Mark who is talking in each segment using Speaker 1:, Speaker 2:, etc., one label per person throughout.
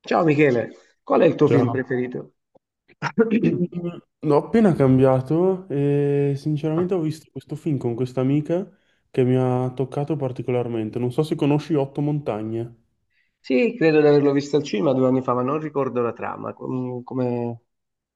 Speaker 1: Ciao Michele, qual è il tuo film
Speaker 2: Ciao.
Speaker 1: preferito?
Speaker 2: Mm, L'ho appena cambiato e
Speaker 1: Ah,
Speaker 2: sinceramente ho visto questo film con questa amica che mi ha toccato particolarmente. Non so se conosci Otto Montagne.
Speaker 1: sì, credo di averlo visto al cinema due anni fa, ma non ricordo la trama. Come...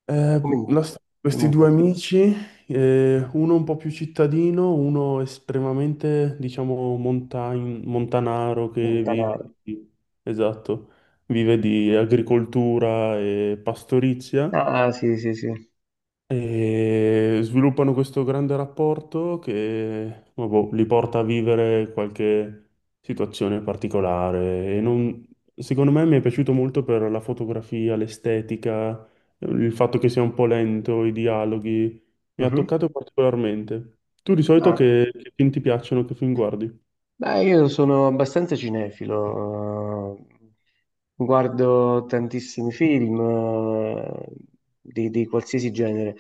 Speaker 1: come... Dimmi
Speaker 2: Questi
Speaker 1: un
Speaker 2: due
Speaker 1: po'.
Speaker 2: amici, uno un po' più cittadino, uno estremamente, diciamo, montanaro che vive
Speaker 1: Montanaro.
Speaker 2: di, esatto, vive di agricoltura e pastorizia.
Speaker 1: Ah, sì, sì, sì.
Speaker 2: E sviluppano questo grande rapporto che vabbò, li porta a vivere qualche situazione particolare. Secondo me mi è piaciuto molto per la fotografia, l'estetica, il fatto che sia un po' lento, i dialoghi. Mi ha
Speaker 1: Mhm.
Speaker 2: toccato particolarmente. Tu di solito
Speaker 1: Ah.
Speaker 2: che film ti piacciono, che film guardi?
Speaker 1: Beh, io sono abbastanza cinefilo, guardo tantissimi film di qualsiasi genere,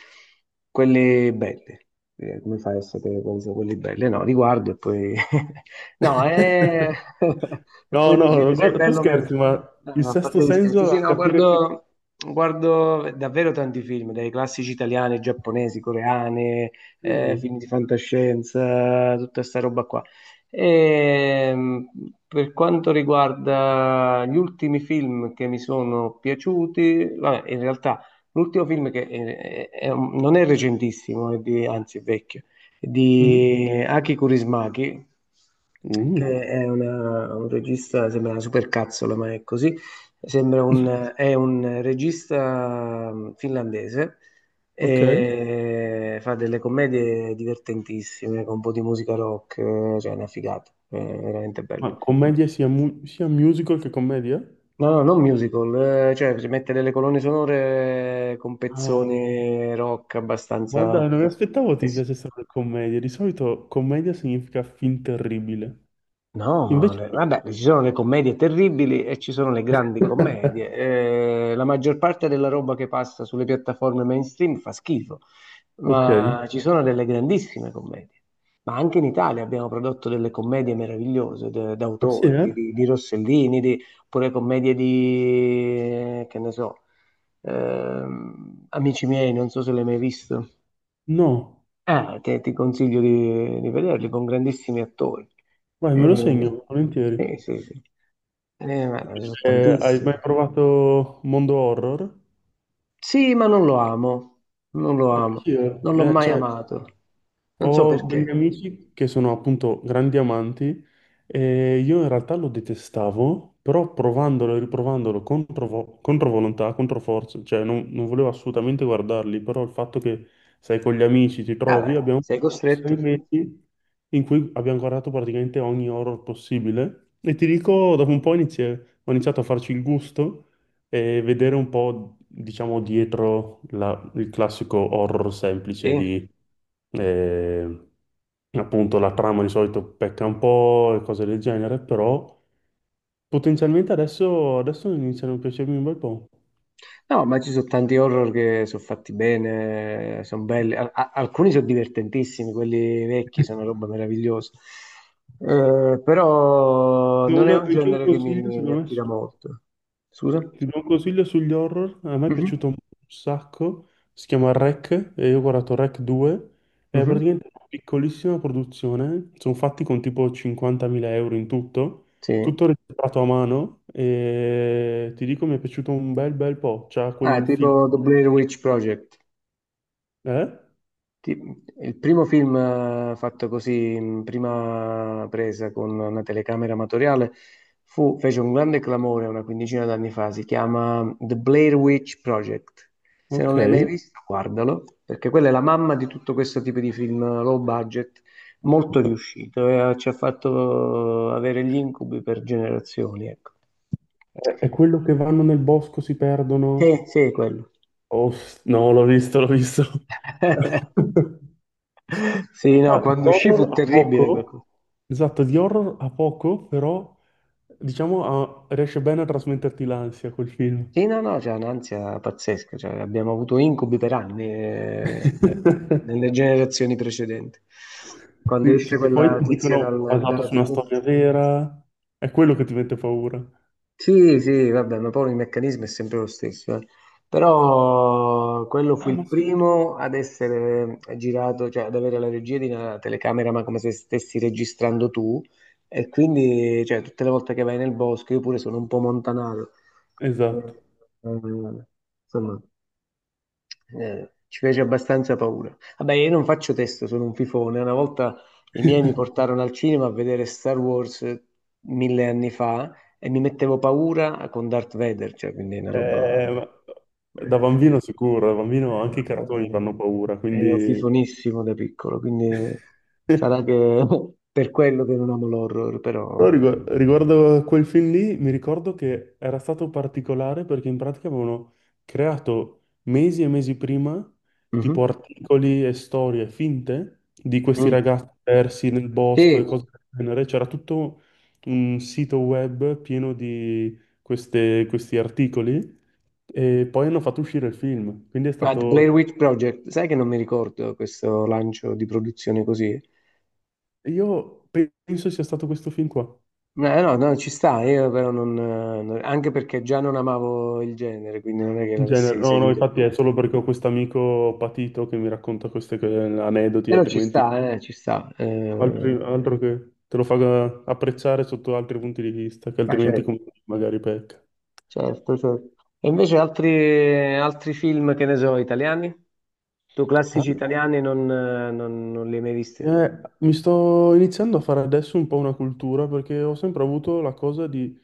Speaker 1: quelli belli. Come fai a sapere quali sono quelli belli? No, li guardo e poi... no, e
Speaker 2: No,
Speaker 1: poi
Speaker 2: no,
Speaker 1: decido se è
Speaker 2: guarda, tu
Speaker 1: bello o meno.
Speaker 2: scherzi, ma
Speaker 1: No,
Speaker 2: il
Speaker 1: no, a
Speaker 2: sesto
Speaker 1: parte gli scherzi,
Speaker 2: senso
Speaker 1: sì,
Speaker 2: a
Speaker 1: no,
Speaker 2: capire che...
Speaker 1: guardo davvero tanti film, dai classici italiani, giapponesi, coreani,
Speaker 2: Mm.
Speaker 1: film di fantascienza, tutta sta roba qua. E, per quanto riguarda gli ultimi film che mi sono piaciuti, vabbè, in realtà l'ultimo film che è un- non è recentissimo, anzi è vecchio, è
Speaker 2: Mm.
Speaker 1: di Aki Kaurismäki,
Speaker 2: Uh.
Speaker 1: che è un regista, sembra una supercazzola, ma è così. È un regista finlandese
Speaker 2: Ok.
Speaker 1: e fa delle commedie divertentissime con un po' di musica rock, cioè è una figata, è veramente bello.
Speaker 2: Ma commedia sia, sia musical che commedia?
Speaker 1: No, no, non musical, cioè si mette delle colonne sonore con
Speaker 2: Ah,
Speaker 1: pezzoni rock abbastanza...
Speaker 2: guarda, non mi aspettavo
Speaker 1: eh
Speaker 2: ti
Speaker 1: sì.
Speaker 2: piacesse la commedia. Di solito commedia significa film terribile.
Speaker 1: No, ma
Speaker 2: Invece...
Speaker 1: le- vabbè, ci sono le commedie terribili e ci sono le grandi commedie. La maggior parte della roba che passa sulle piattaforme mainstream fa schifo,
Speaker 2: Ok,
Speaker 1: ma ci sono delle grandissime commedie. Ma anche in Italia abbiamo prodotto delle commedie
Speaker 2: ma sì,
Speaker 1: d'autore,
Speaker 2: eh?
Speaker 1: di Rossellini, di, oppure commedie che ne so, Amici miei, non so se l'hai mai visto.
Speaker 2: No,
Speaker 1: Che ti consiglio di vederli con grandissimi attori.
Speaker 2: vai, me
Speaker 1: Eh,
Speaker 2: lo segno,
Speaker 1: sì,
Speaker 2: volentieri.
Speaker 1: sì, sì. Ma sono
Speaker 2: Invece, hai mai
Speaker 1: tantissimi.
Speaker 2: provato mondo horror?
Speaker 1: Sì, ma non lo amo, non lo amo,
Speaker 2: Sì,
Speaker 1: non l'ho mai
Speaker 2: cioè,
Speaker 1: amato, non so
Speaker 2: ho
Speaker 1: perché.
Speaker 2: degli amici che sono appunto grandi amanti e io in realtà lo detestavo, però provandolo e riprovandolo contro, contro volontà, contro forza, cioè non volevo assolutamente guardarli, però il fatto che sei con gli amici, ti trovi,
Speaker 1: Vabbè,
Speaker 2: abbiamo
Speaker 1: sei
Speaker 2: sei
Speaker 1: costretto.
Speaker 2: mesi in cui abbiamo guardato praticamente ogni horror possibile e ti dico, dopo un po' ho iniziato a farci il gusto e vedere un po', diciamo, dietro il classico horror semplice
Speaker 1: Sì.
Speaker 2: di, eh, appunto, la trama di solito pecca un po' e cose del genere, però potenzialmente adesso iniziano a piacermi un bel po'.
Speaker 1: No, ma ci sono tanti horror che sono fatti bene, sono belli. Alcuni sono divertentissimi, quelli vecchi sono roba meravigliosa. Però non è un
Speaker 2: Anche un
Speaker 1: genere che
Speaker 2: consiglio,
Speaker 1: mi
Speaker 2: secondo me,
Speaker 1: attira molto. Scusa?
Speaker 2: ti do un consiglio sugli horror, a me è piaciuto
Speaker 1: Mhm,
Speaker 2: un sacco, si chiama Rec, e io ho guardato Rec 2, è
Speaker 1: mhm,
Speaker 2: praticamente una piccolissima produzione, sono fatti con tipo 50.000 euro in tutto,
Speaker 1: sì.
Speaker 2: tutto registrato a mano, e ti dico mi è piaciuto un bel po', c'ha
Speaker 1: Ah,
Speaker 2: quel film...
Speaker 1: tipo The Blair Witch Project.
Speaker 2: Eh?
Speaker 1: Il primo film fatto così in prima presa con una telecamera amatoriale fece un grande clamore una quindicina d'anni fa, si chiama The Blair Witch Project. Se non
Speaker 2: Ok,
Speaker 1: l'hai mai
Speaker 2: è
Speaker 1: visto, guardalo, perché quella è la mamma di tutto questo tipo di film low budget, molto riuscito e ci ha fatto avere gli incubi per generazioni, ecco.
Speaker 2: è quello che vanno nel bosco, si perdono?
Speaker 1: Sì, sì, quello.
Speaker 2: Oh, no, l'ho visto, l'ho visto.
Speaker 1: Sì,
Speaker 2: Ah,
Speaker 1: no, quando uscì
Speaker 2: l'horror
Speaker 1: fu
Speaker 2: a
Speaker 1: terribile.
Speaker 2: poco? Esatto, di horror ha poco, però diciamo riesce bene a trasmetterti l'ansia quel film.
Speaker 1: Sì, no, no, c'è un'ansia pazzesca, cioè, abbiamo avuto incubi per anni
Speaker 2: Eh,
Speaker 1: nelle generazioni precedenti. Quando
Speaker 2: sì,
Speaker 1: esce
Speaker 2: perché poi
Speaker 1: quella
Speaker 2: ti
Speaker 1: tizia
Speaker 2: dicono basato
Speaker 1: dalla
Speaker 2: su una
Speaker 1: TV.
Speaker 2: storia vera, è quello che ti mette paura.
Speaker 1: Sì, sì, vabbè, ma poi il meccanismo è sempre lo stesso. Eh. Però quello fu
Speaker 2: Ah, ma
Speaker 1: il
Speaker 2: sai che...
Speaker 1: primo ad essere girato, cioè ad avere la regia di una telecamera, ma come se stessi registrando tu. E quindi, cioè, tutte le volte che vai nel bosco, io pure sono un po' montanato. Quindi,
Speaker 2: Esatto.
Speaker 1: eh, eh, insomma, ci fece abbastanza paura. Vabbè, io non faccio testo, sono un fifone. Una volta i miei mi portarono al cinema a vedere Star Wars mille anni fa e mi mettevo paura con Darth Vader, cioè, quindi è una roba...
Speaker 2: Ma- da bambino
Speaker 1: eh,
Speaker 2: sicuro, da bambino anche i cartoni
Speaker 1: eh, eh,
Speaker 2: fanno paura,
Speaker 1: Ero
Speaker 2: quindi...
Speaker 1: fifonissimo da piccolo, sarà che per quello che non amo l'horror, però...
Speaker 2: No, riguardo a quel film lì, mi ricordo che era stato particolare perché in pratica avevano creato mesi e mesi prima tipo
Speaker 1: Mhm.
Speaker 2: articoli e storie finte di questi
Speaker 1: Mm.
Speaker 2: ragazzi persi nel bosco
Speaker 1: Sì,
Speaker 2: e cose del genere. C'era tutto un sito web pieno di questi articoli e poi hanno fatto uscire il film. Quindi è
Speaker 1: ma The Blair
Speaker 2: stato...
Speaker 1: Witch Project, sai che non mi ricordo questo lancio di produzione così?
Speaker 2: Io penso sia stato questo film qua.
Speaker 1: No, no, no, ci sta, io però anche perché già non amavo il genere, quindi non è che
Speaker 2: In genere-
Speaker 1: l'avessi
Speaker 2: no, no,
Speaker 1: seguito.
Speaker 2: infatti
Speaker 1: Più.
Speaker 2: è solo perché ho questo amico patito che mi racconta questi aneddoti,
Speaker 1: Però ci
Speaker 2: altrimenti
Speaker 1: sta, ci sta.
Speaker 2: altro che te lo fa apprezzare sotto altri punti di vista, che
Speaker 1: Ma
Speaker 2: altrimenti
Speaker 1: certo,
Speaker 2: magari pecca.
Speaker 1: certo, certo. E invece altri film, che ne so, italiani? Tu
Speaker 2: Ah,
Speaker 1: classici italiani non li hai mai visti?
Speaker 2: mi sto iniziando a fare adesso un po' una cultura perché ho sempre avuto la cosa di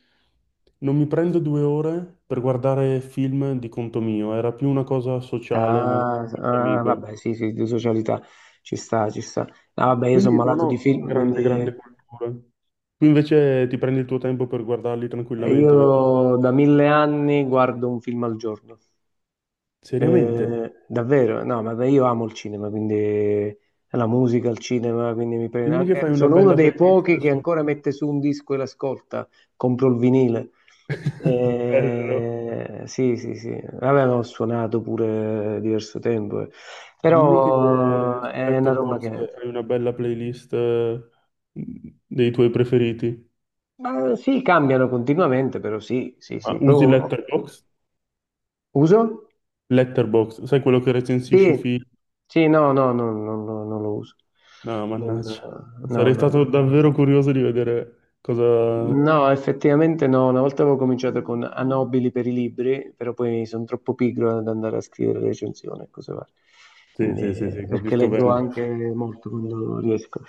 Speaker 2: non mi prendo due ore per guardare film di conto mio, era più una cosa sociale, magari
Speaker 1: Ah,
Speaker 2: con qualche
Speaker 1: ah,
Speaker 2: amico.
Speaker 1: vabbè, sì, sì, di socialità, ci sta, ci sta. Ah, vabbè, io sono
Speaker 2: Quindi non
Speaker 1: malato di
Speaker 2: ho
Speaker 1: film, quindi
Speaker 2: grande cultura. Tu invece ti prendi il tuo tempo per guardarli tranquillamente, vero?
Speaker 1: io da mille anni guardo un film al giorno.
Speaker 2: Seriamente?
Speaker 1: Davvero, no, ma beh, io amo il cinema, quindi la musica, il cinema, quindi mi prende...
Speaker 2: Dimmi che fai una
Speaker 1: sono uno
Speaker 2: bella
Speaker 1: dei pochi
Speaker 2: playlist
Speaker 1: che
Speaker 2: su...
Speaker 1: ancora mette su un disco e l'ascolta, compro il vinile.
Speaker 2: Bello.
Speaker 1: Sì, sì, sì, vabbè, ma ho suonato pure diverso tempo, eh.
Speaker 2: Dimmi che
Speaker 1: però
Speaker 2: su
Speaker 1: è una roba
Speaker 2: Letterboxd
Speaker 1: che...
Speaker 2: hai una bella playlist dei tuoi preferiti.
Speaker 1: Ma sì, cambiano continuamente, però sì, sì,
Speaker 2: Ah,
Speaker 1: sì.
Speaker 2: usi
Speaker 1: Poi-
Speaker 2: Letterboxd?
Speaker 1: Uso?
Speaker 2: Letterboxd, sai quello che recensisci
Speaker 1: Sì,
Speaker 2: film?
Speaker 1: sì, no, no, no, no, no, non lo uso.
Speaker 2: No,
Speaker 1: Non-
Speaker 2: mannaggia.
Speaker 1: no, no.
Speaker 2: Sarei stato
Speaker 1: No.
Speaker 2: davvero curioso di vedere cosa...
Speaker 1: No, effettivamente no, una volta avevo cominciato con Anobili per i libri, però poi sono troppo pigro ad andare a scrivere recensioni e cose varie.
Speaker 2: Sì, sì, sì,
Speaker 1: Quindi,
Speaker 2: sì,
Speaker 1: perché
Speaker 2: capisco
Speaker 1: leggo
Speaker 2: bene.
Speaker 1: anche molto quando riesco.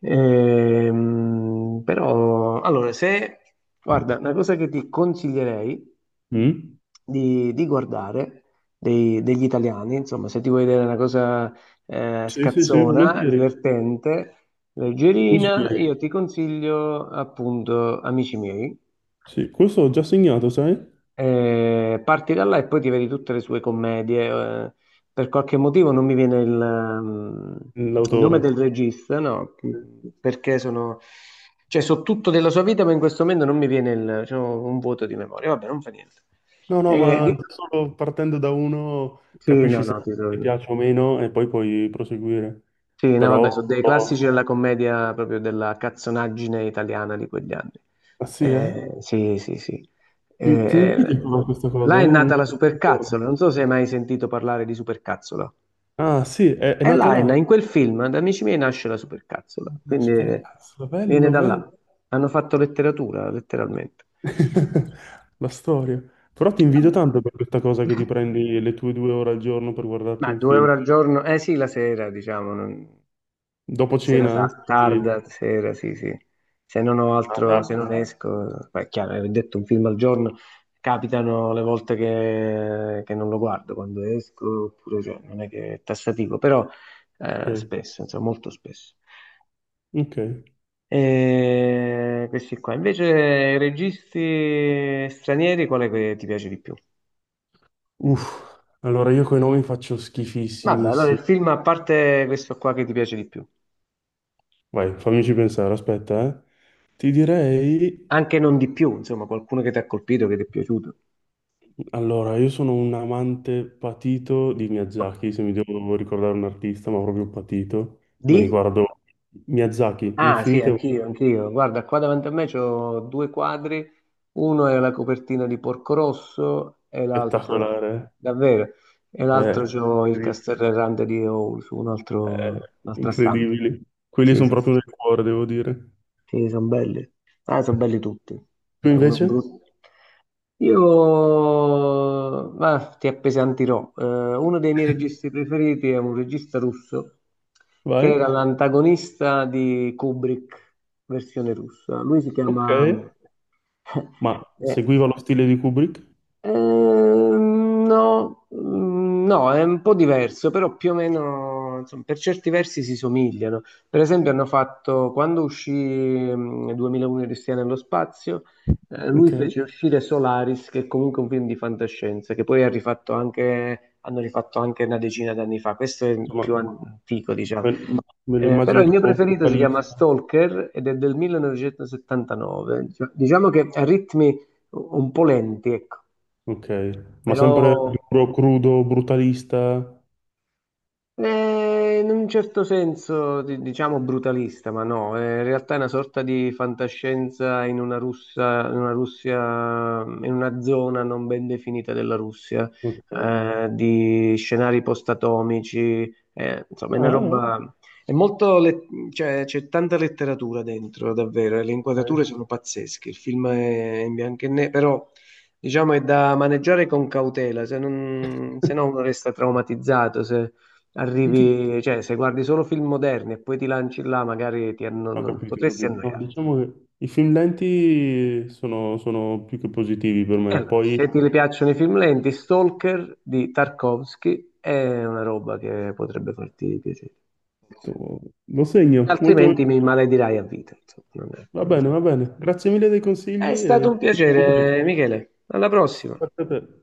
Speaker 1: Però, allora, se, guarda, una cosa che ti consiglierei
Speaker 2: Mm?
Speaker 1: di guardare degli italiani, insomma, se ti vuoi vedere una cosa
Speaker 2: Sì, sì, sì,
Speaker 1: scazzona,
Speaker 2: volentieri.
Speaker 1: divertente,
Speaker 2: Mi
Speaker 1: leggerina,
Speaker 2: spiego.
Speaker 1: io ti consiglio appunto Amici miei.
Speaker 2: Sì, questo ho già segnato, sai?
Speaker 1: Parti da là e poi ti vedi tutte le sue commedie. Eh. Per qualche motivo non mi viene il nome
Speaker 2: L'autore.
Speaker 1: del regista, no, perché sono, cioè, so tutto della sua vita, ma in questo momento non mi viene il, c'ho un vuoto di memoria. Vabbè, non fa niente.
Speaker 2: No, no,
Speaker 1: Eh,
Speaker 2: ma
Speaker 1: di-
Speaker 2: già solo partendo da uno
Speaker 1: Sì,
Speaker 2: capisci
Speaker 1: no,
Speaker 2: se
Speaker 1: no, ti
Speaker 2: ti
Speaker 1: trovo.
Speaker 2: piace o meno e poi puoi proseguire.
Speaker 1: Sì, no,
Speaker 2: Però...
Speaker 1: vabbè, sono dei classici
Speaker 2: oh,
Speaker 1: della commedia proprio della cazzonaggine italiana di quegli anni.
Speaker 2: ah sì, eh?
Speaker 1: Sì, sì, sì. Eh,
Speaker 2: Ti invidio
Speaker 1: eh,
Speaker 2: per questa
Speaker 1: là
Speaker 2: cosa,
Speaker 1: è
Speaker 2: eh? Un-
Speaker 1: nata la supercazzola, non so se hai mai sentito parlare di supercazzola.
Speaker 2: ah sì, è
Speaker 1: E
Speaker 2: nato
Speaker 1: là,
Speaker 2: là.
Speaker 1: in quel film, da Amici miei, nasce la supercazzola,
Speaker 2: La supercazzo,
Speaker 1: viene
Speaker 2: bello,
Speaker 1: da
Speaker 2: bello.
Speaker 1: là. Hanno fatto letteratura, letteralmente.
Speaker 2: La storia. Però ti invidio
Speaker 1: Vabbè.
Speaker 2: tanto per questa cosa che ti prendi le tue due ore al giorno per guardarti
Speaker 1: Ma
Speaker 2: un
Speaker 1: due
Speaker 2: film.
Speaker 1: euro al giorno? Eh sì, la sera, diciamo. Non-
Speaker 2: Dopo cena? Eh? Quindi-
Speaker 1: Tarda, sera, sì, sì. Se non ho
Speaker 2: ah,
Speaker 1: altro,
Speaker 2: ah,
Speaker 1: se non esco, beh, è chiaro, ho detto un film al giorno, capitano le volte che non lo guardo quando esco, oppure cioè, non è che è tassativo, però
Speaker 2: ok.
Speaker 1: spesso, insomma, molto spesso.
Speaker 2: Ok.
Speaker 1: E questi qua. Invece, registi stranieri, quale che ti piace di più?
Speaker 2: Uff. Allora io coi nomi faccio
Speaker 1: Vabbè, allora il
Speaker 2: schifissimissimi.
Speaker 1: film, a parte questo qua che ti piace di più,
Speaker 2: Vai, fammici pensare, aspetta, eh. Ti direi...
Speaker 1: anche non di più, insomma, qualcuno che ti ha colpito, che ti è piaciuto.
Speaker 2: allora, io sono un amante patito di Miyazaki, se mi devo ricordare un artista, ma proprio patito. Mi
Speaker 1: Di?
Speaker 2: riguardo Miyazaki,
Speaker 1: Ah sì,
Speaker 2: infinite volte,
Speaker 1: anch'io, anch'io. Guarda, qua davanti a me c'ho due quadri, uno è la copertina di Porco Rosso e l'altro,
Speaker 2: spettacolare.
Speaker 1: davvero, e l'altro
Speaker 2: Eh,
Speaker 1: c'ho il
Speaker 2: incredibile.
Speaker 1: Castelrerrante di Ous, un
Speaker 2: Eh,
Speaker 1: altro, un'altra stampa.
Speaker 2: incredibili. Quelli
Speaker 1: Sì,
Speaker 2: sono
Speaker 1: sì, sì.
Speaker 2: proprio nel cuore, devo dire.
Speaker 1: Sì, sono belli. Ah, sono belli tutti.
Speaker 2: Tu
Speaker 1: È uno
Speaker 2: invece?
Speaker 1: brutto. Io, ma ti appesantirò. Uno dei miei registi preferiti è un regista russo che
Speaker 2: Vai?
Speaker 1: era l'antagonista di Kubrick, versione russa. Lui si
Speaker 2: Ok.
Speaker 1: chiama...
Speaker 2: Ma
Speaker 1: eh,
Speaker 2: seguiva lo stile di Kubrick?
Speaker 1: No, no, è un po' diverso, però più o meno, insomma, per certi versi si somigliano. Per esempio hanno fatto, quando uscì 2001 Cristiano nello spazio, lui
Speaker 2: Ok.
Speaker 1: fece uscire Solaris, che è comunque un film di fantascienza, che poi ha rifatto anche, hanno rifatto anche una decina d'anni fa, questo è il più
Speaker 2: Insomma,
Speaker 1: antico, diciamo.
Speaker 2: me, me lo
Speaker 1: Però
Speaker 2: immagino
Speaker 1: il mio
Speaker 2: tipo
Speaker 1: preferito si chiama
Speaker 2: brutalista.
Speaker 1: Stalker ed è del 1979. Diciamo che ha ritmi un po' lenti, ecco,
Speaker 2: Ok, ma sempre
Speaker 1: però
Speaker 2: duro, crudo, brutalista.
Speaker 1: eh, in un certo senso, diciamo brutalista, ma no, in realtà è una sorta di fantascienza in una Russia, in una Russia, in una zona non ben definita della Russia,
Speaker 2: Ok.
Speaker 1: di scenari post-atomici, insomma,
Speaker 2: Ah,
Speaker 1: è una
Speaker 2: ah,
Speaker 1: roba, è cioè, c'è tanta letteratura dentro, davvero, e le
Speaker 2: ok.
Speaker 1: inquadrature sono pazzesche, il film è in bianco e nero, però... Diciamo è da maneggiare con cautela, se non, se no uno resta traumatizzato. Se,
Speaker 2: Tutti-
Speaker 1: arrivi, cioè se guardi solo film moderni e poi ti lanci là, magari ti anno-
Speaker 2: ho
Speaker 1: non-
Speaker 2: capito, ho
Speaker 1: potresti
Speaker 2: capito. No,
Speaker 1: annoiarti.
Speaker 2: diciamo che i film lenti sono più che positivi per
Speaker 1: E
Speaker 2: me.
Speaker 1: allora,
Speaker 2: Poi
Speaker 1: se ti piacciono i film lenti, Stalker di Tarkovsky è una roba che potrebbe farti piacere.
Speaker 2: to- lo segno, molto...
Speaker 1: Altrimenti mi maledirai a vita. Insomma, non è
Speaker 2: Va bene, va bene. Grazie mille dei consigli
Speaker 1: è stato
Speaker 2: e
Speaker 1: un
Speaker 2: ci sentiamo presto.
Speaker 1: piacere, Michele. Alla prossima.
Speaker 2: Grazie a te.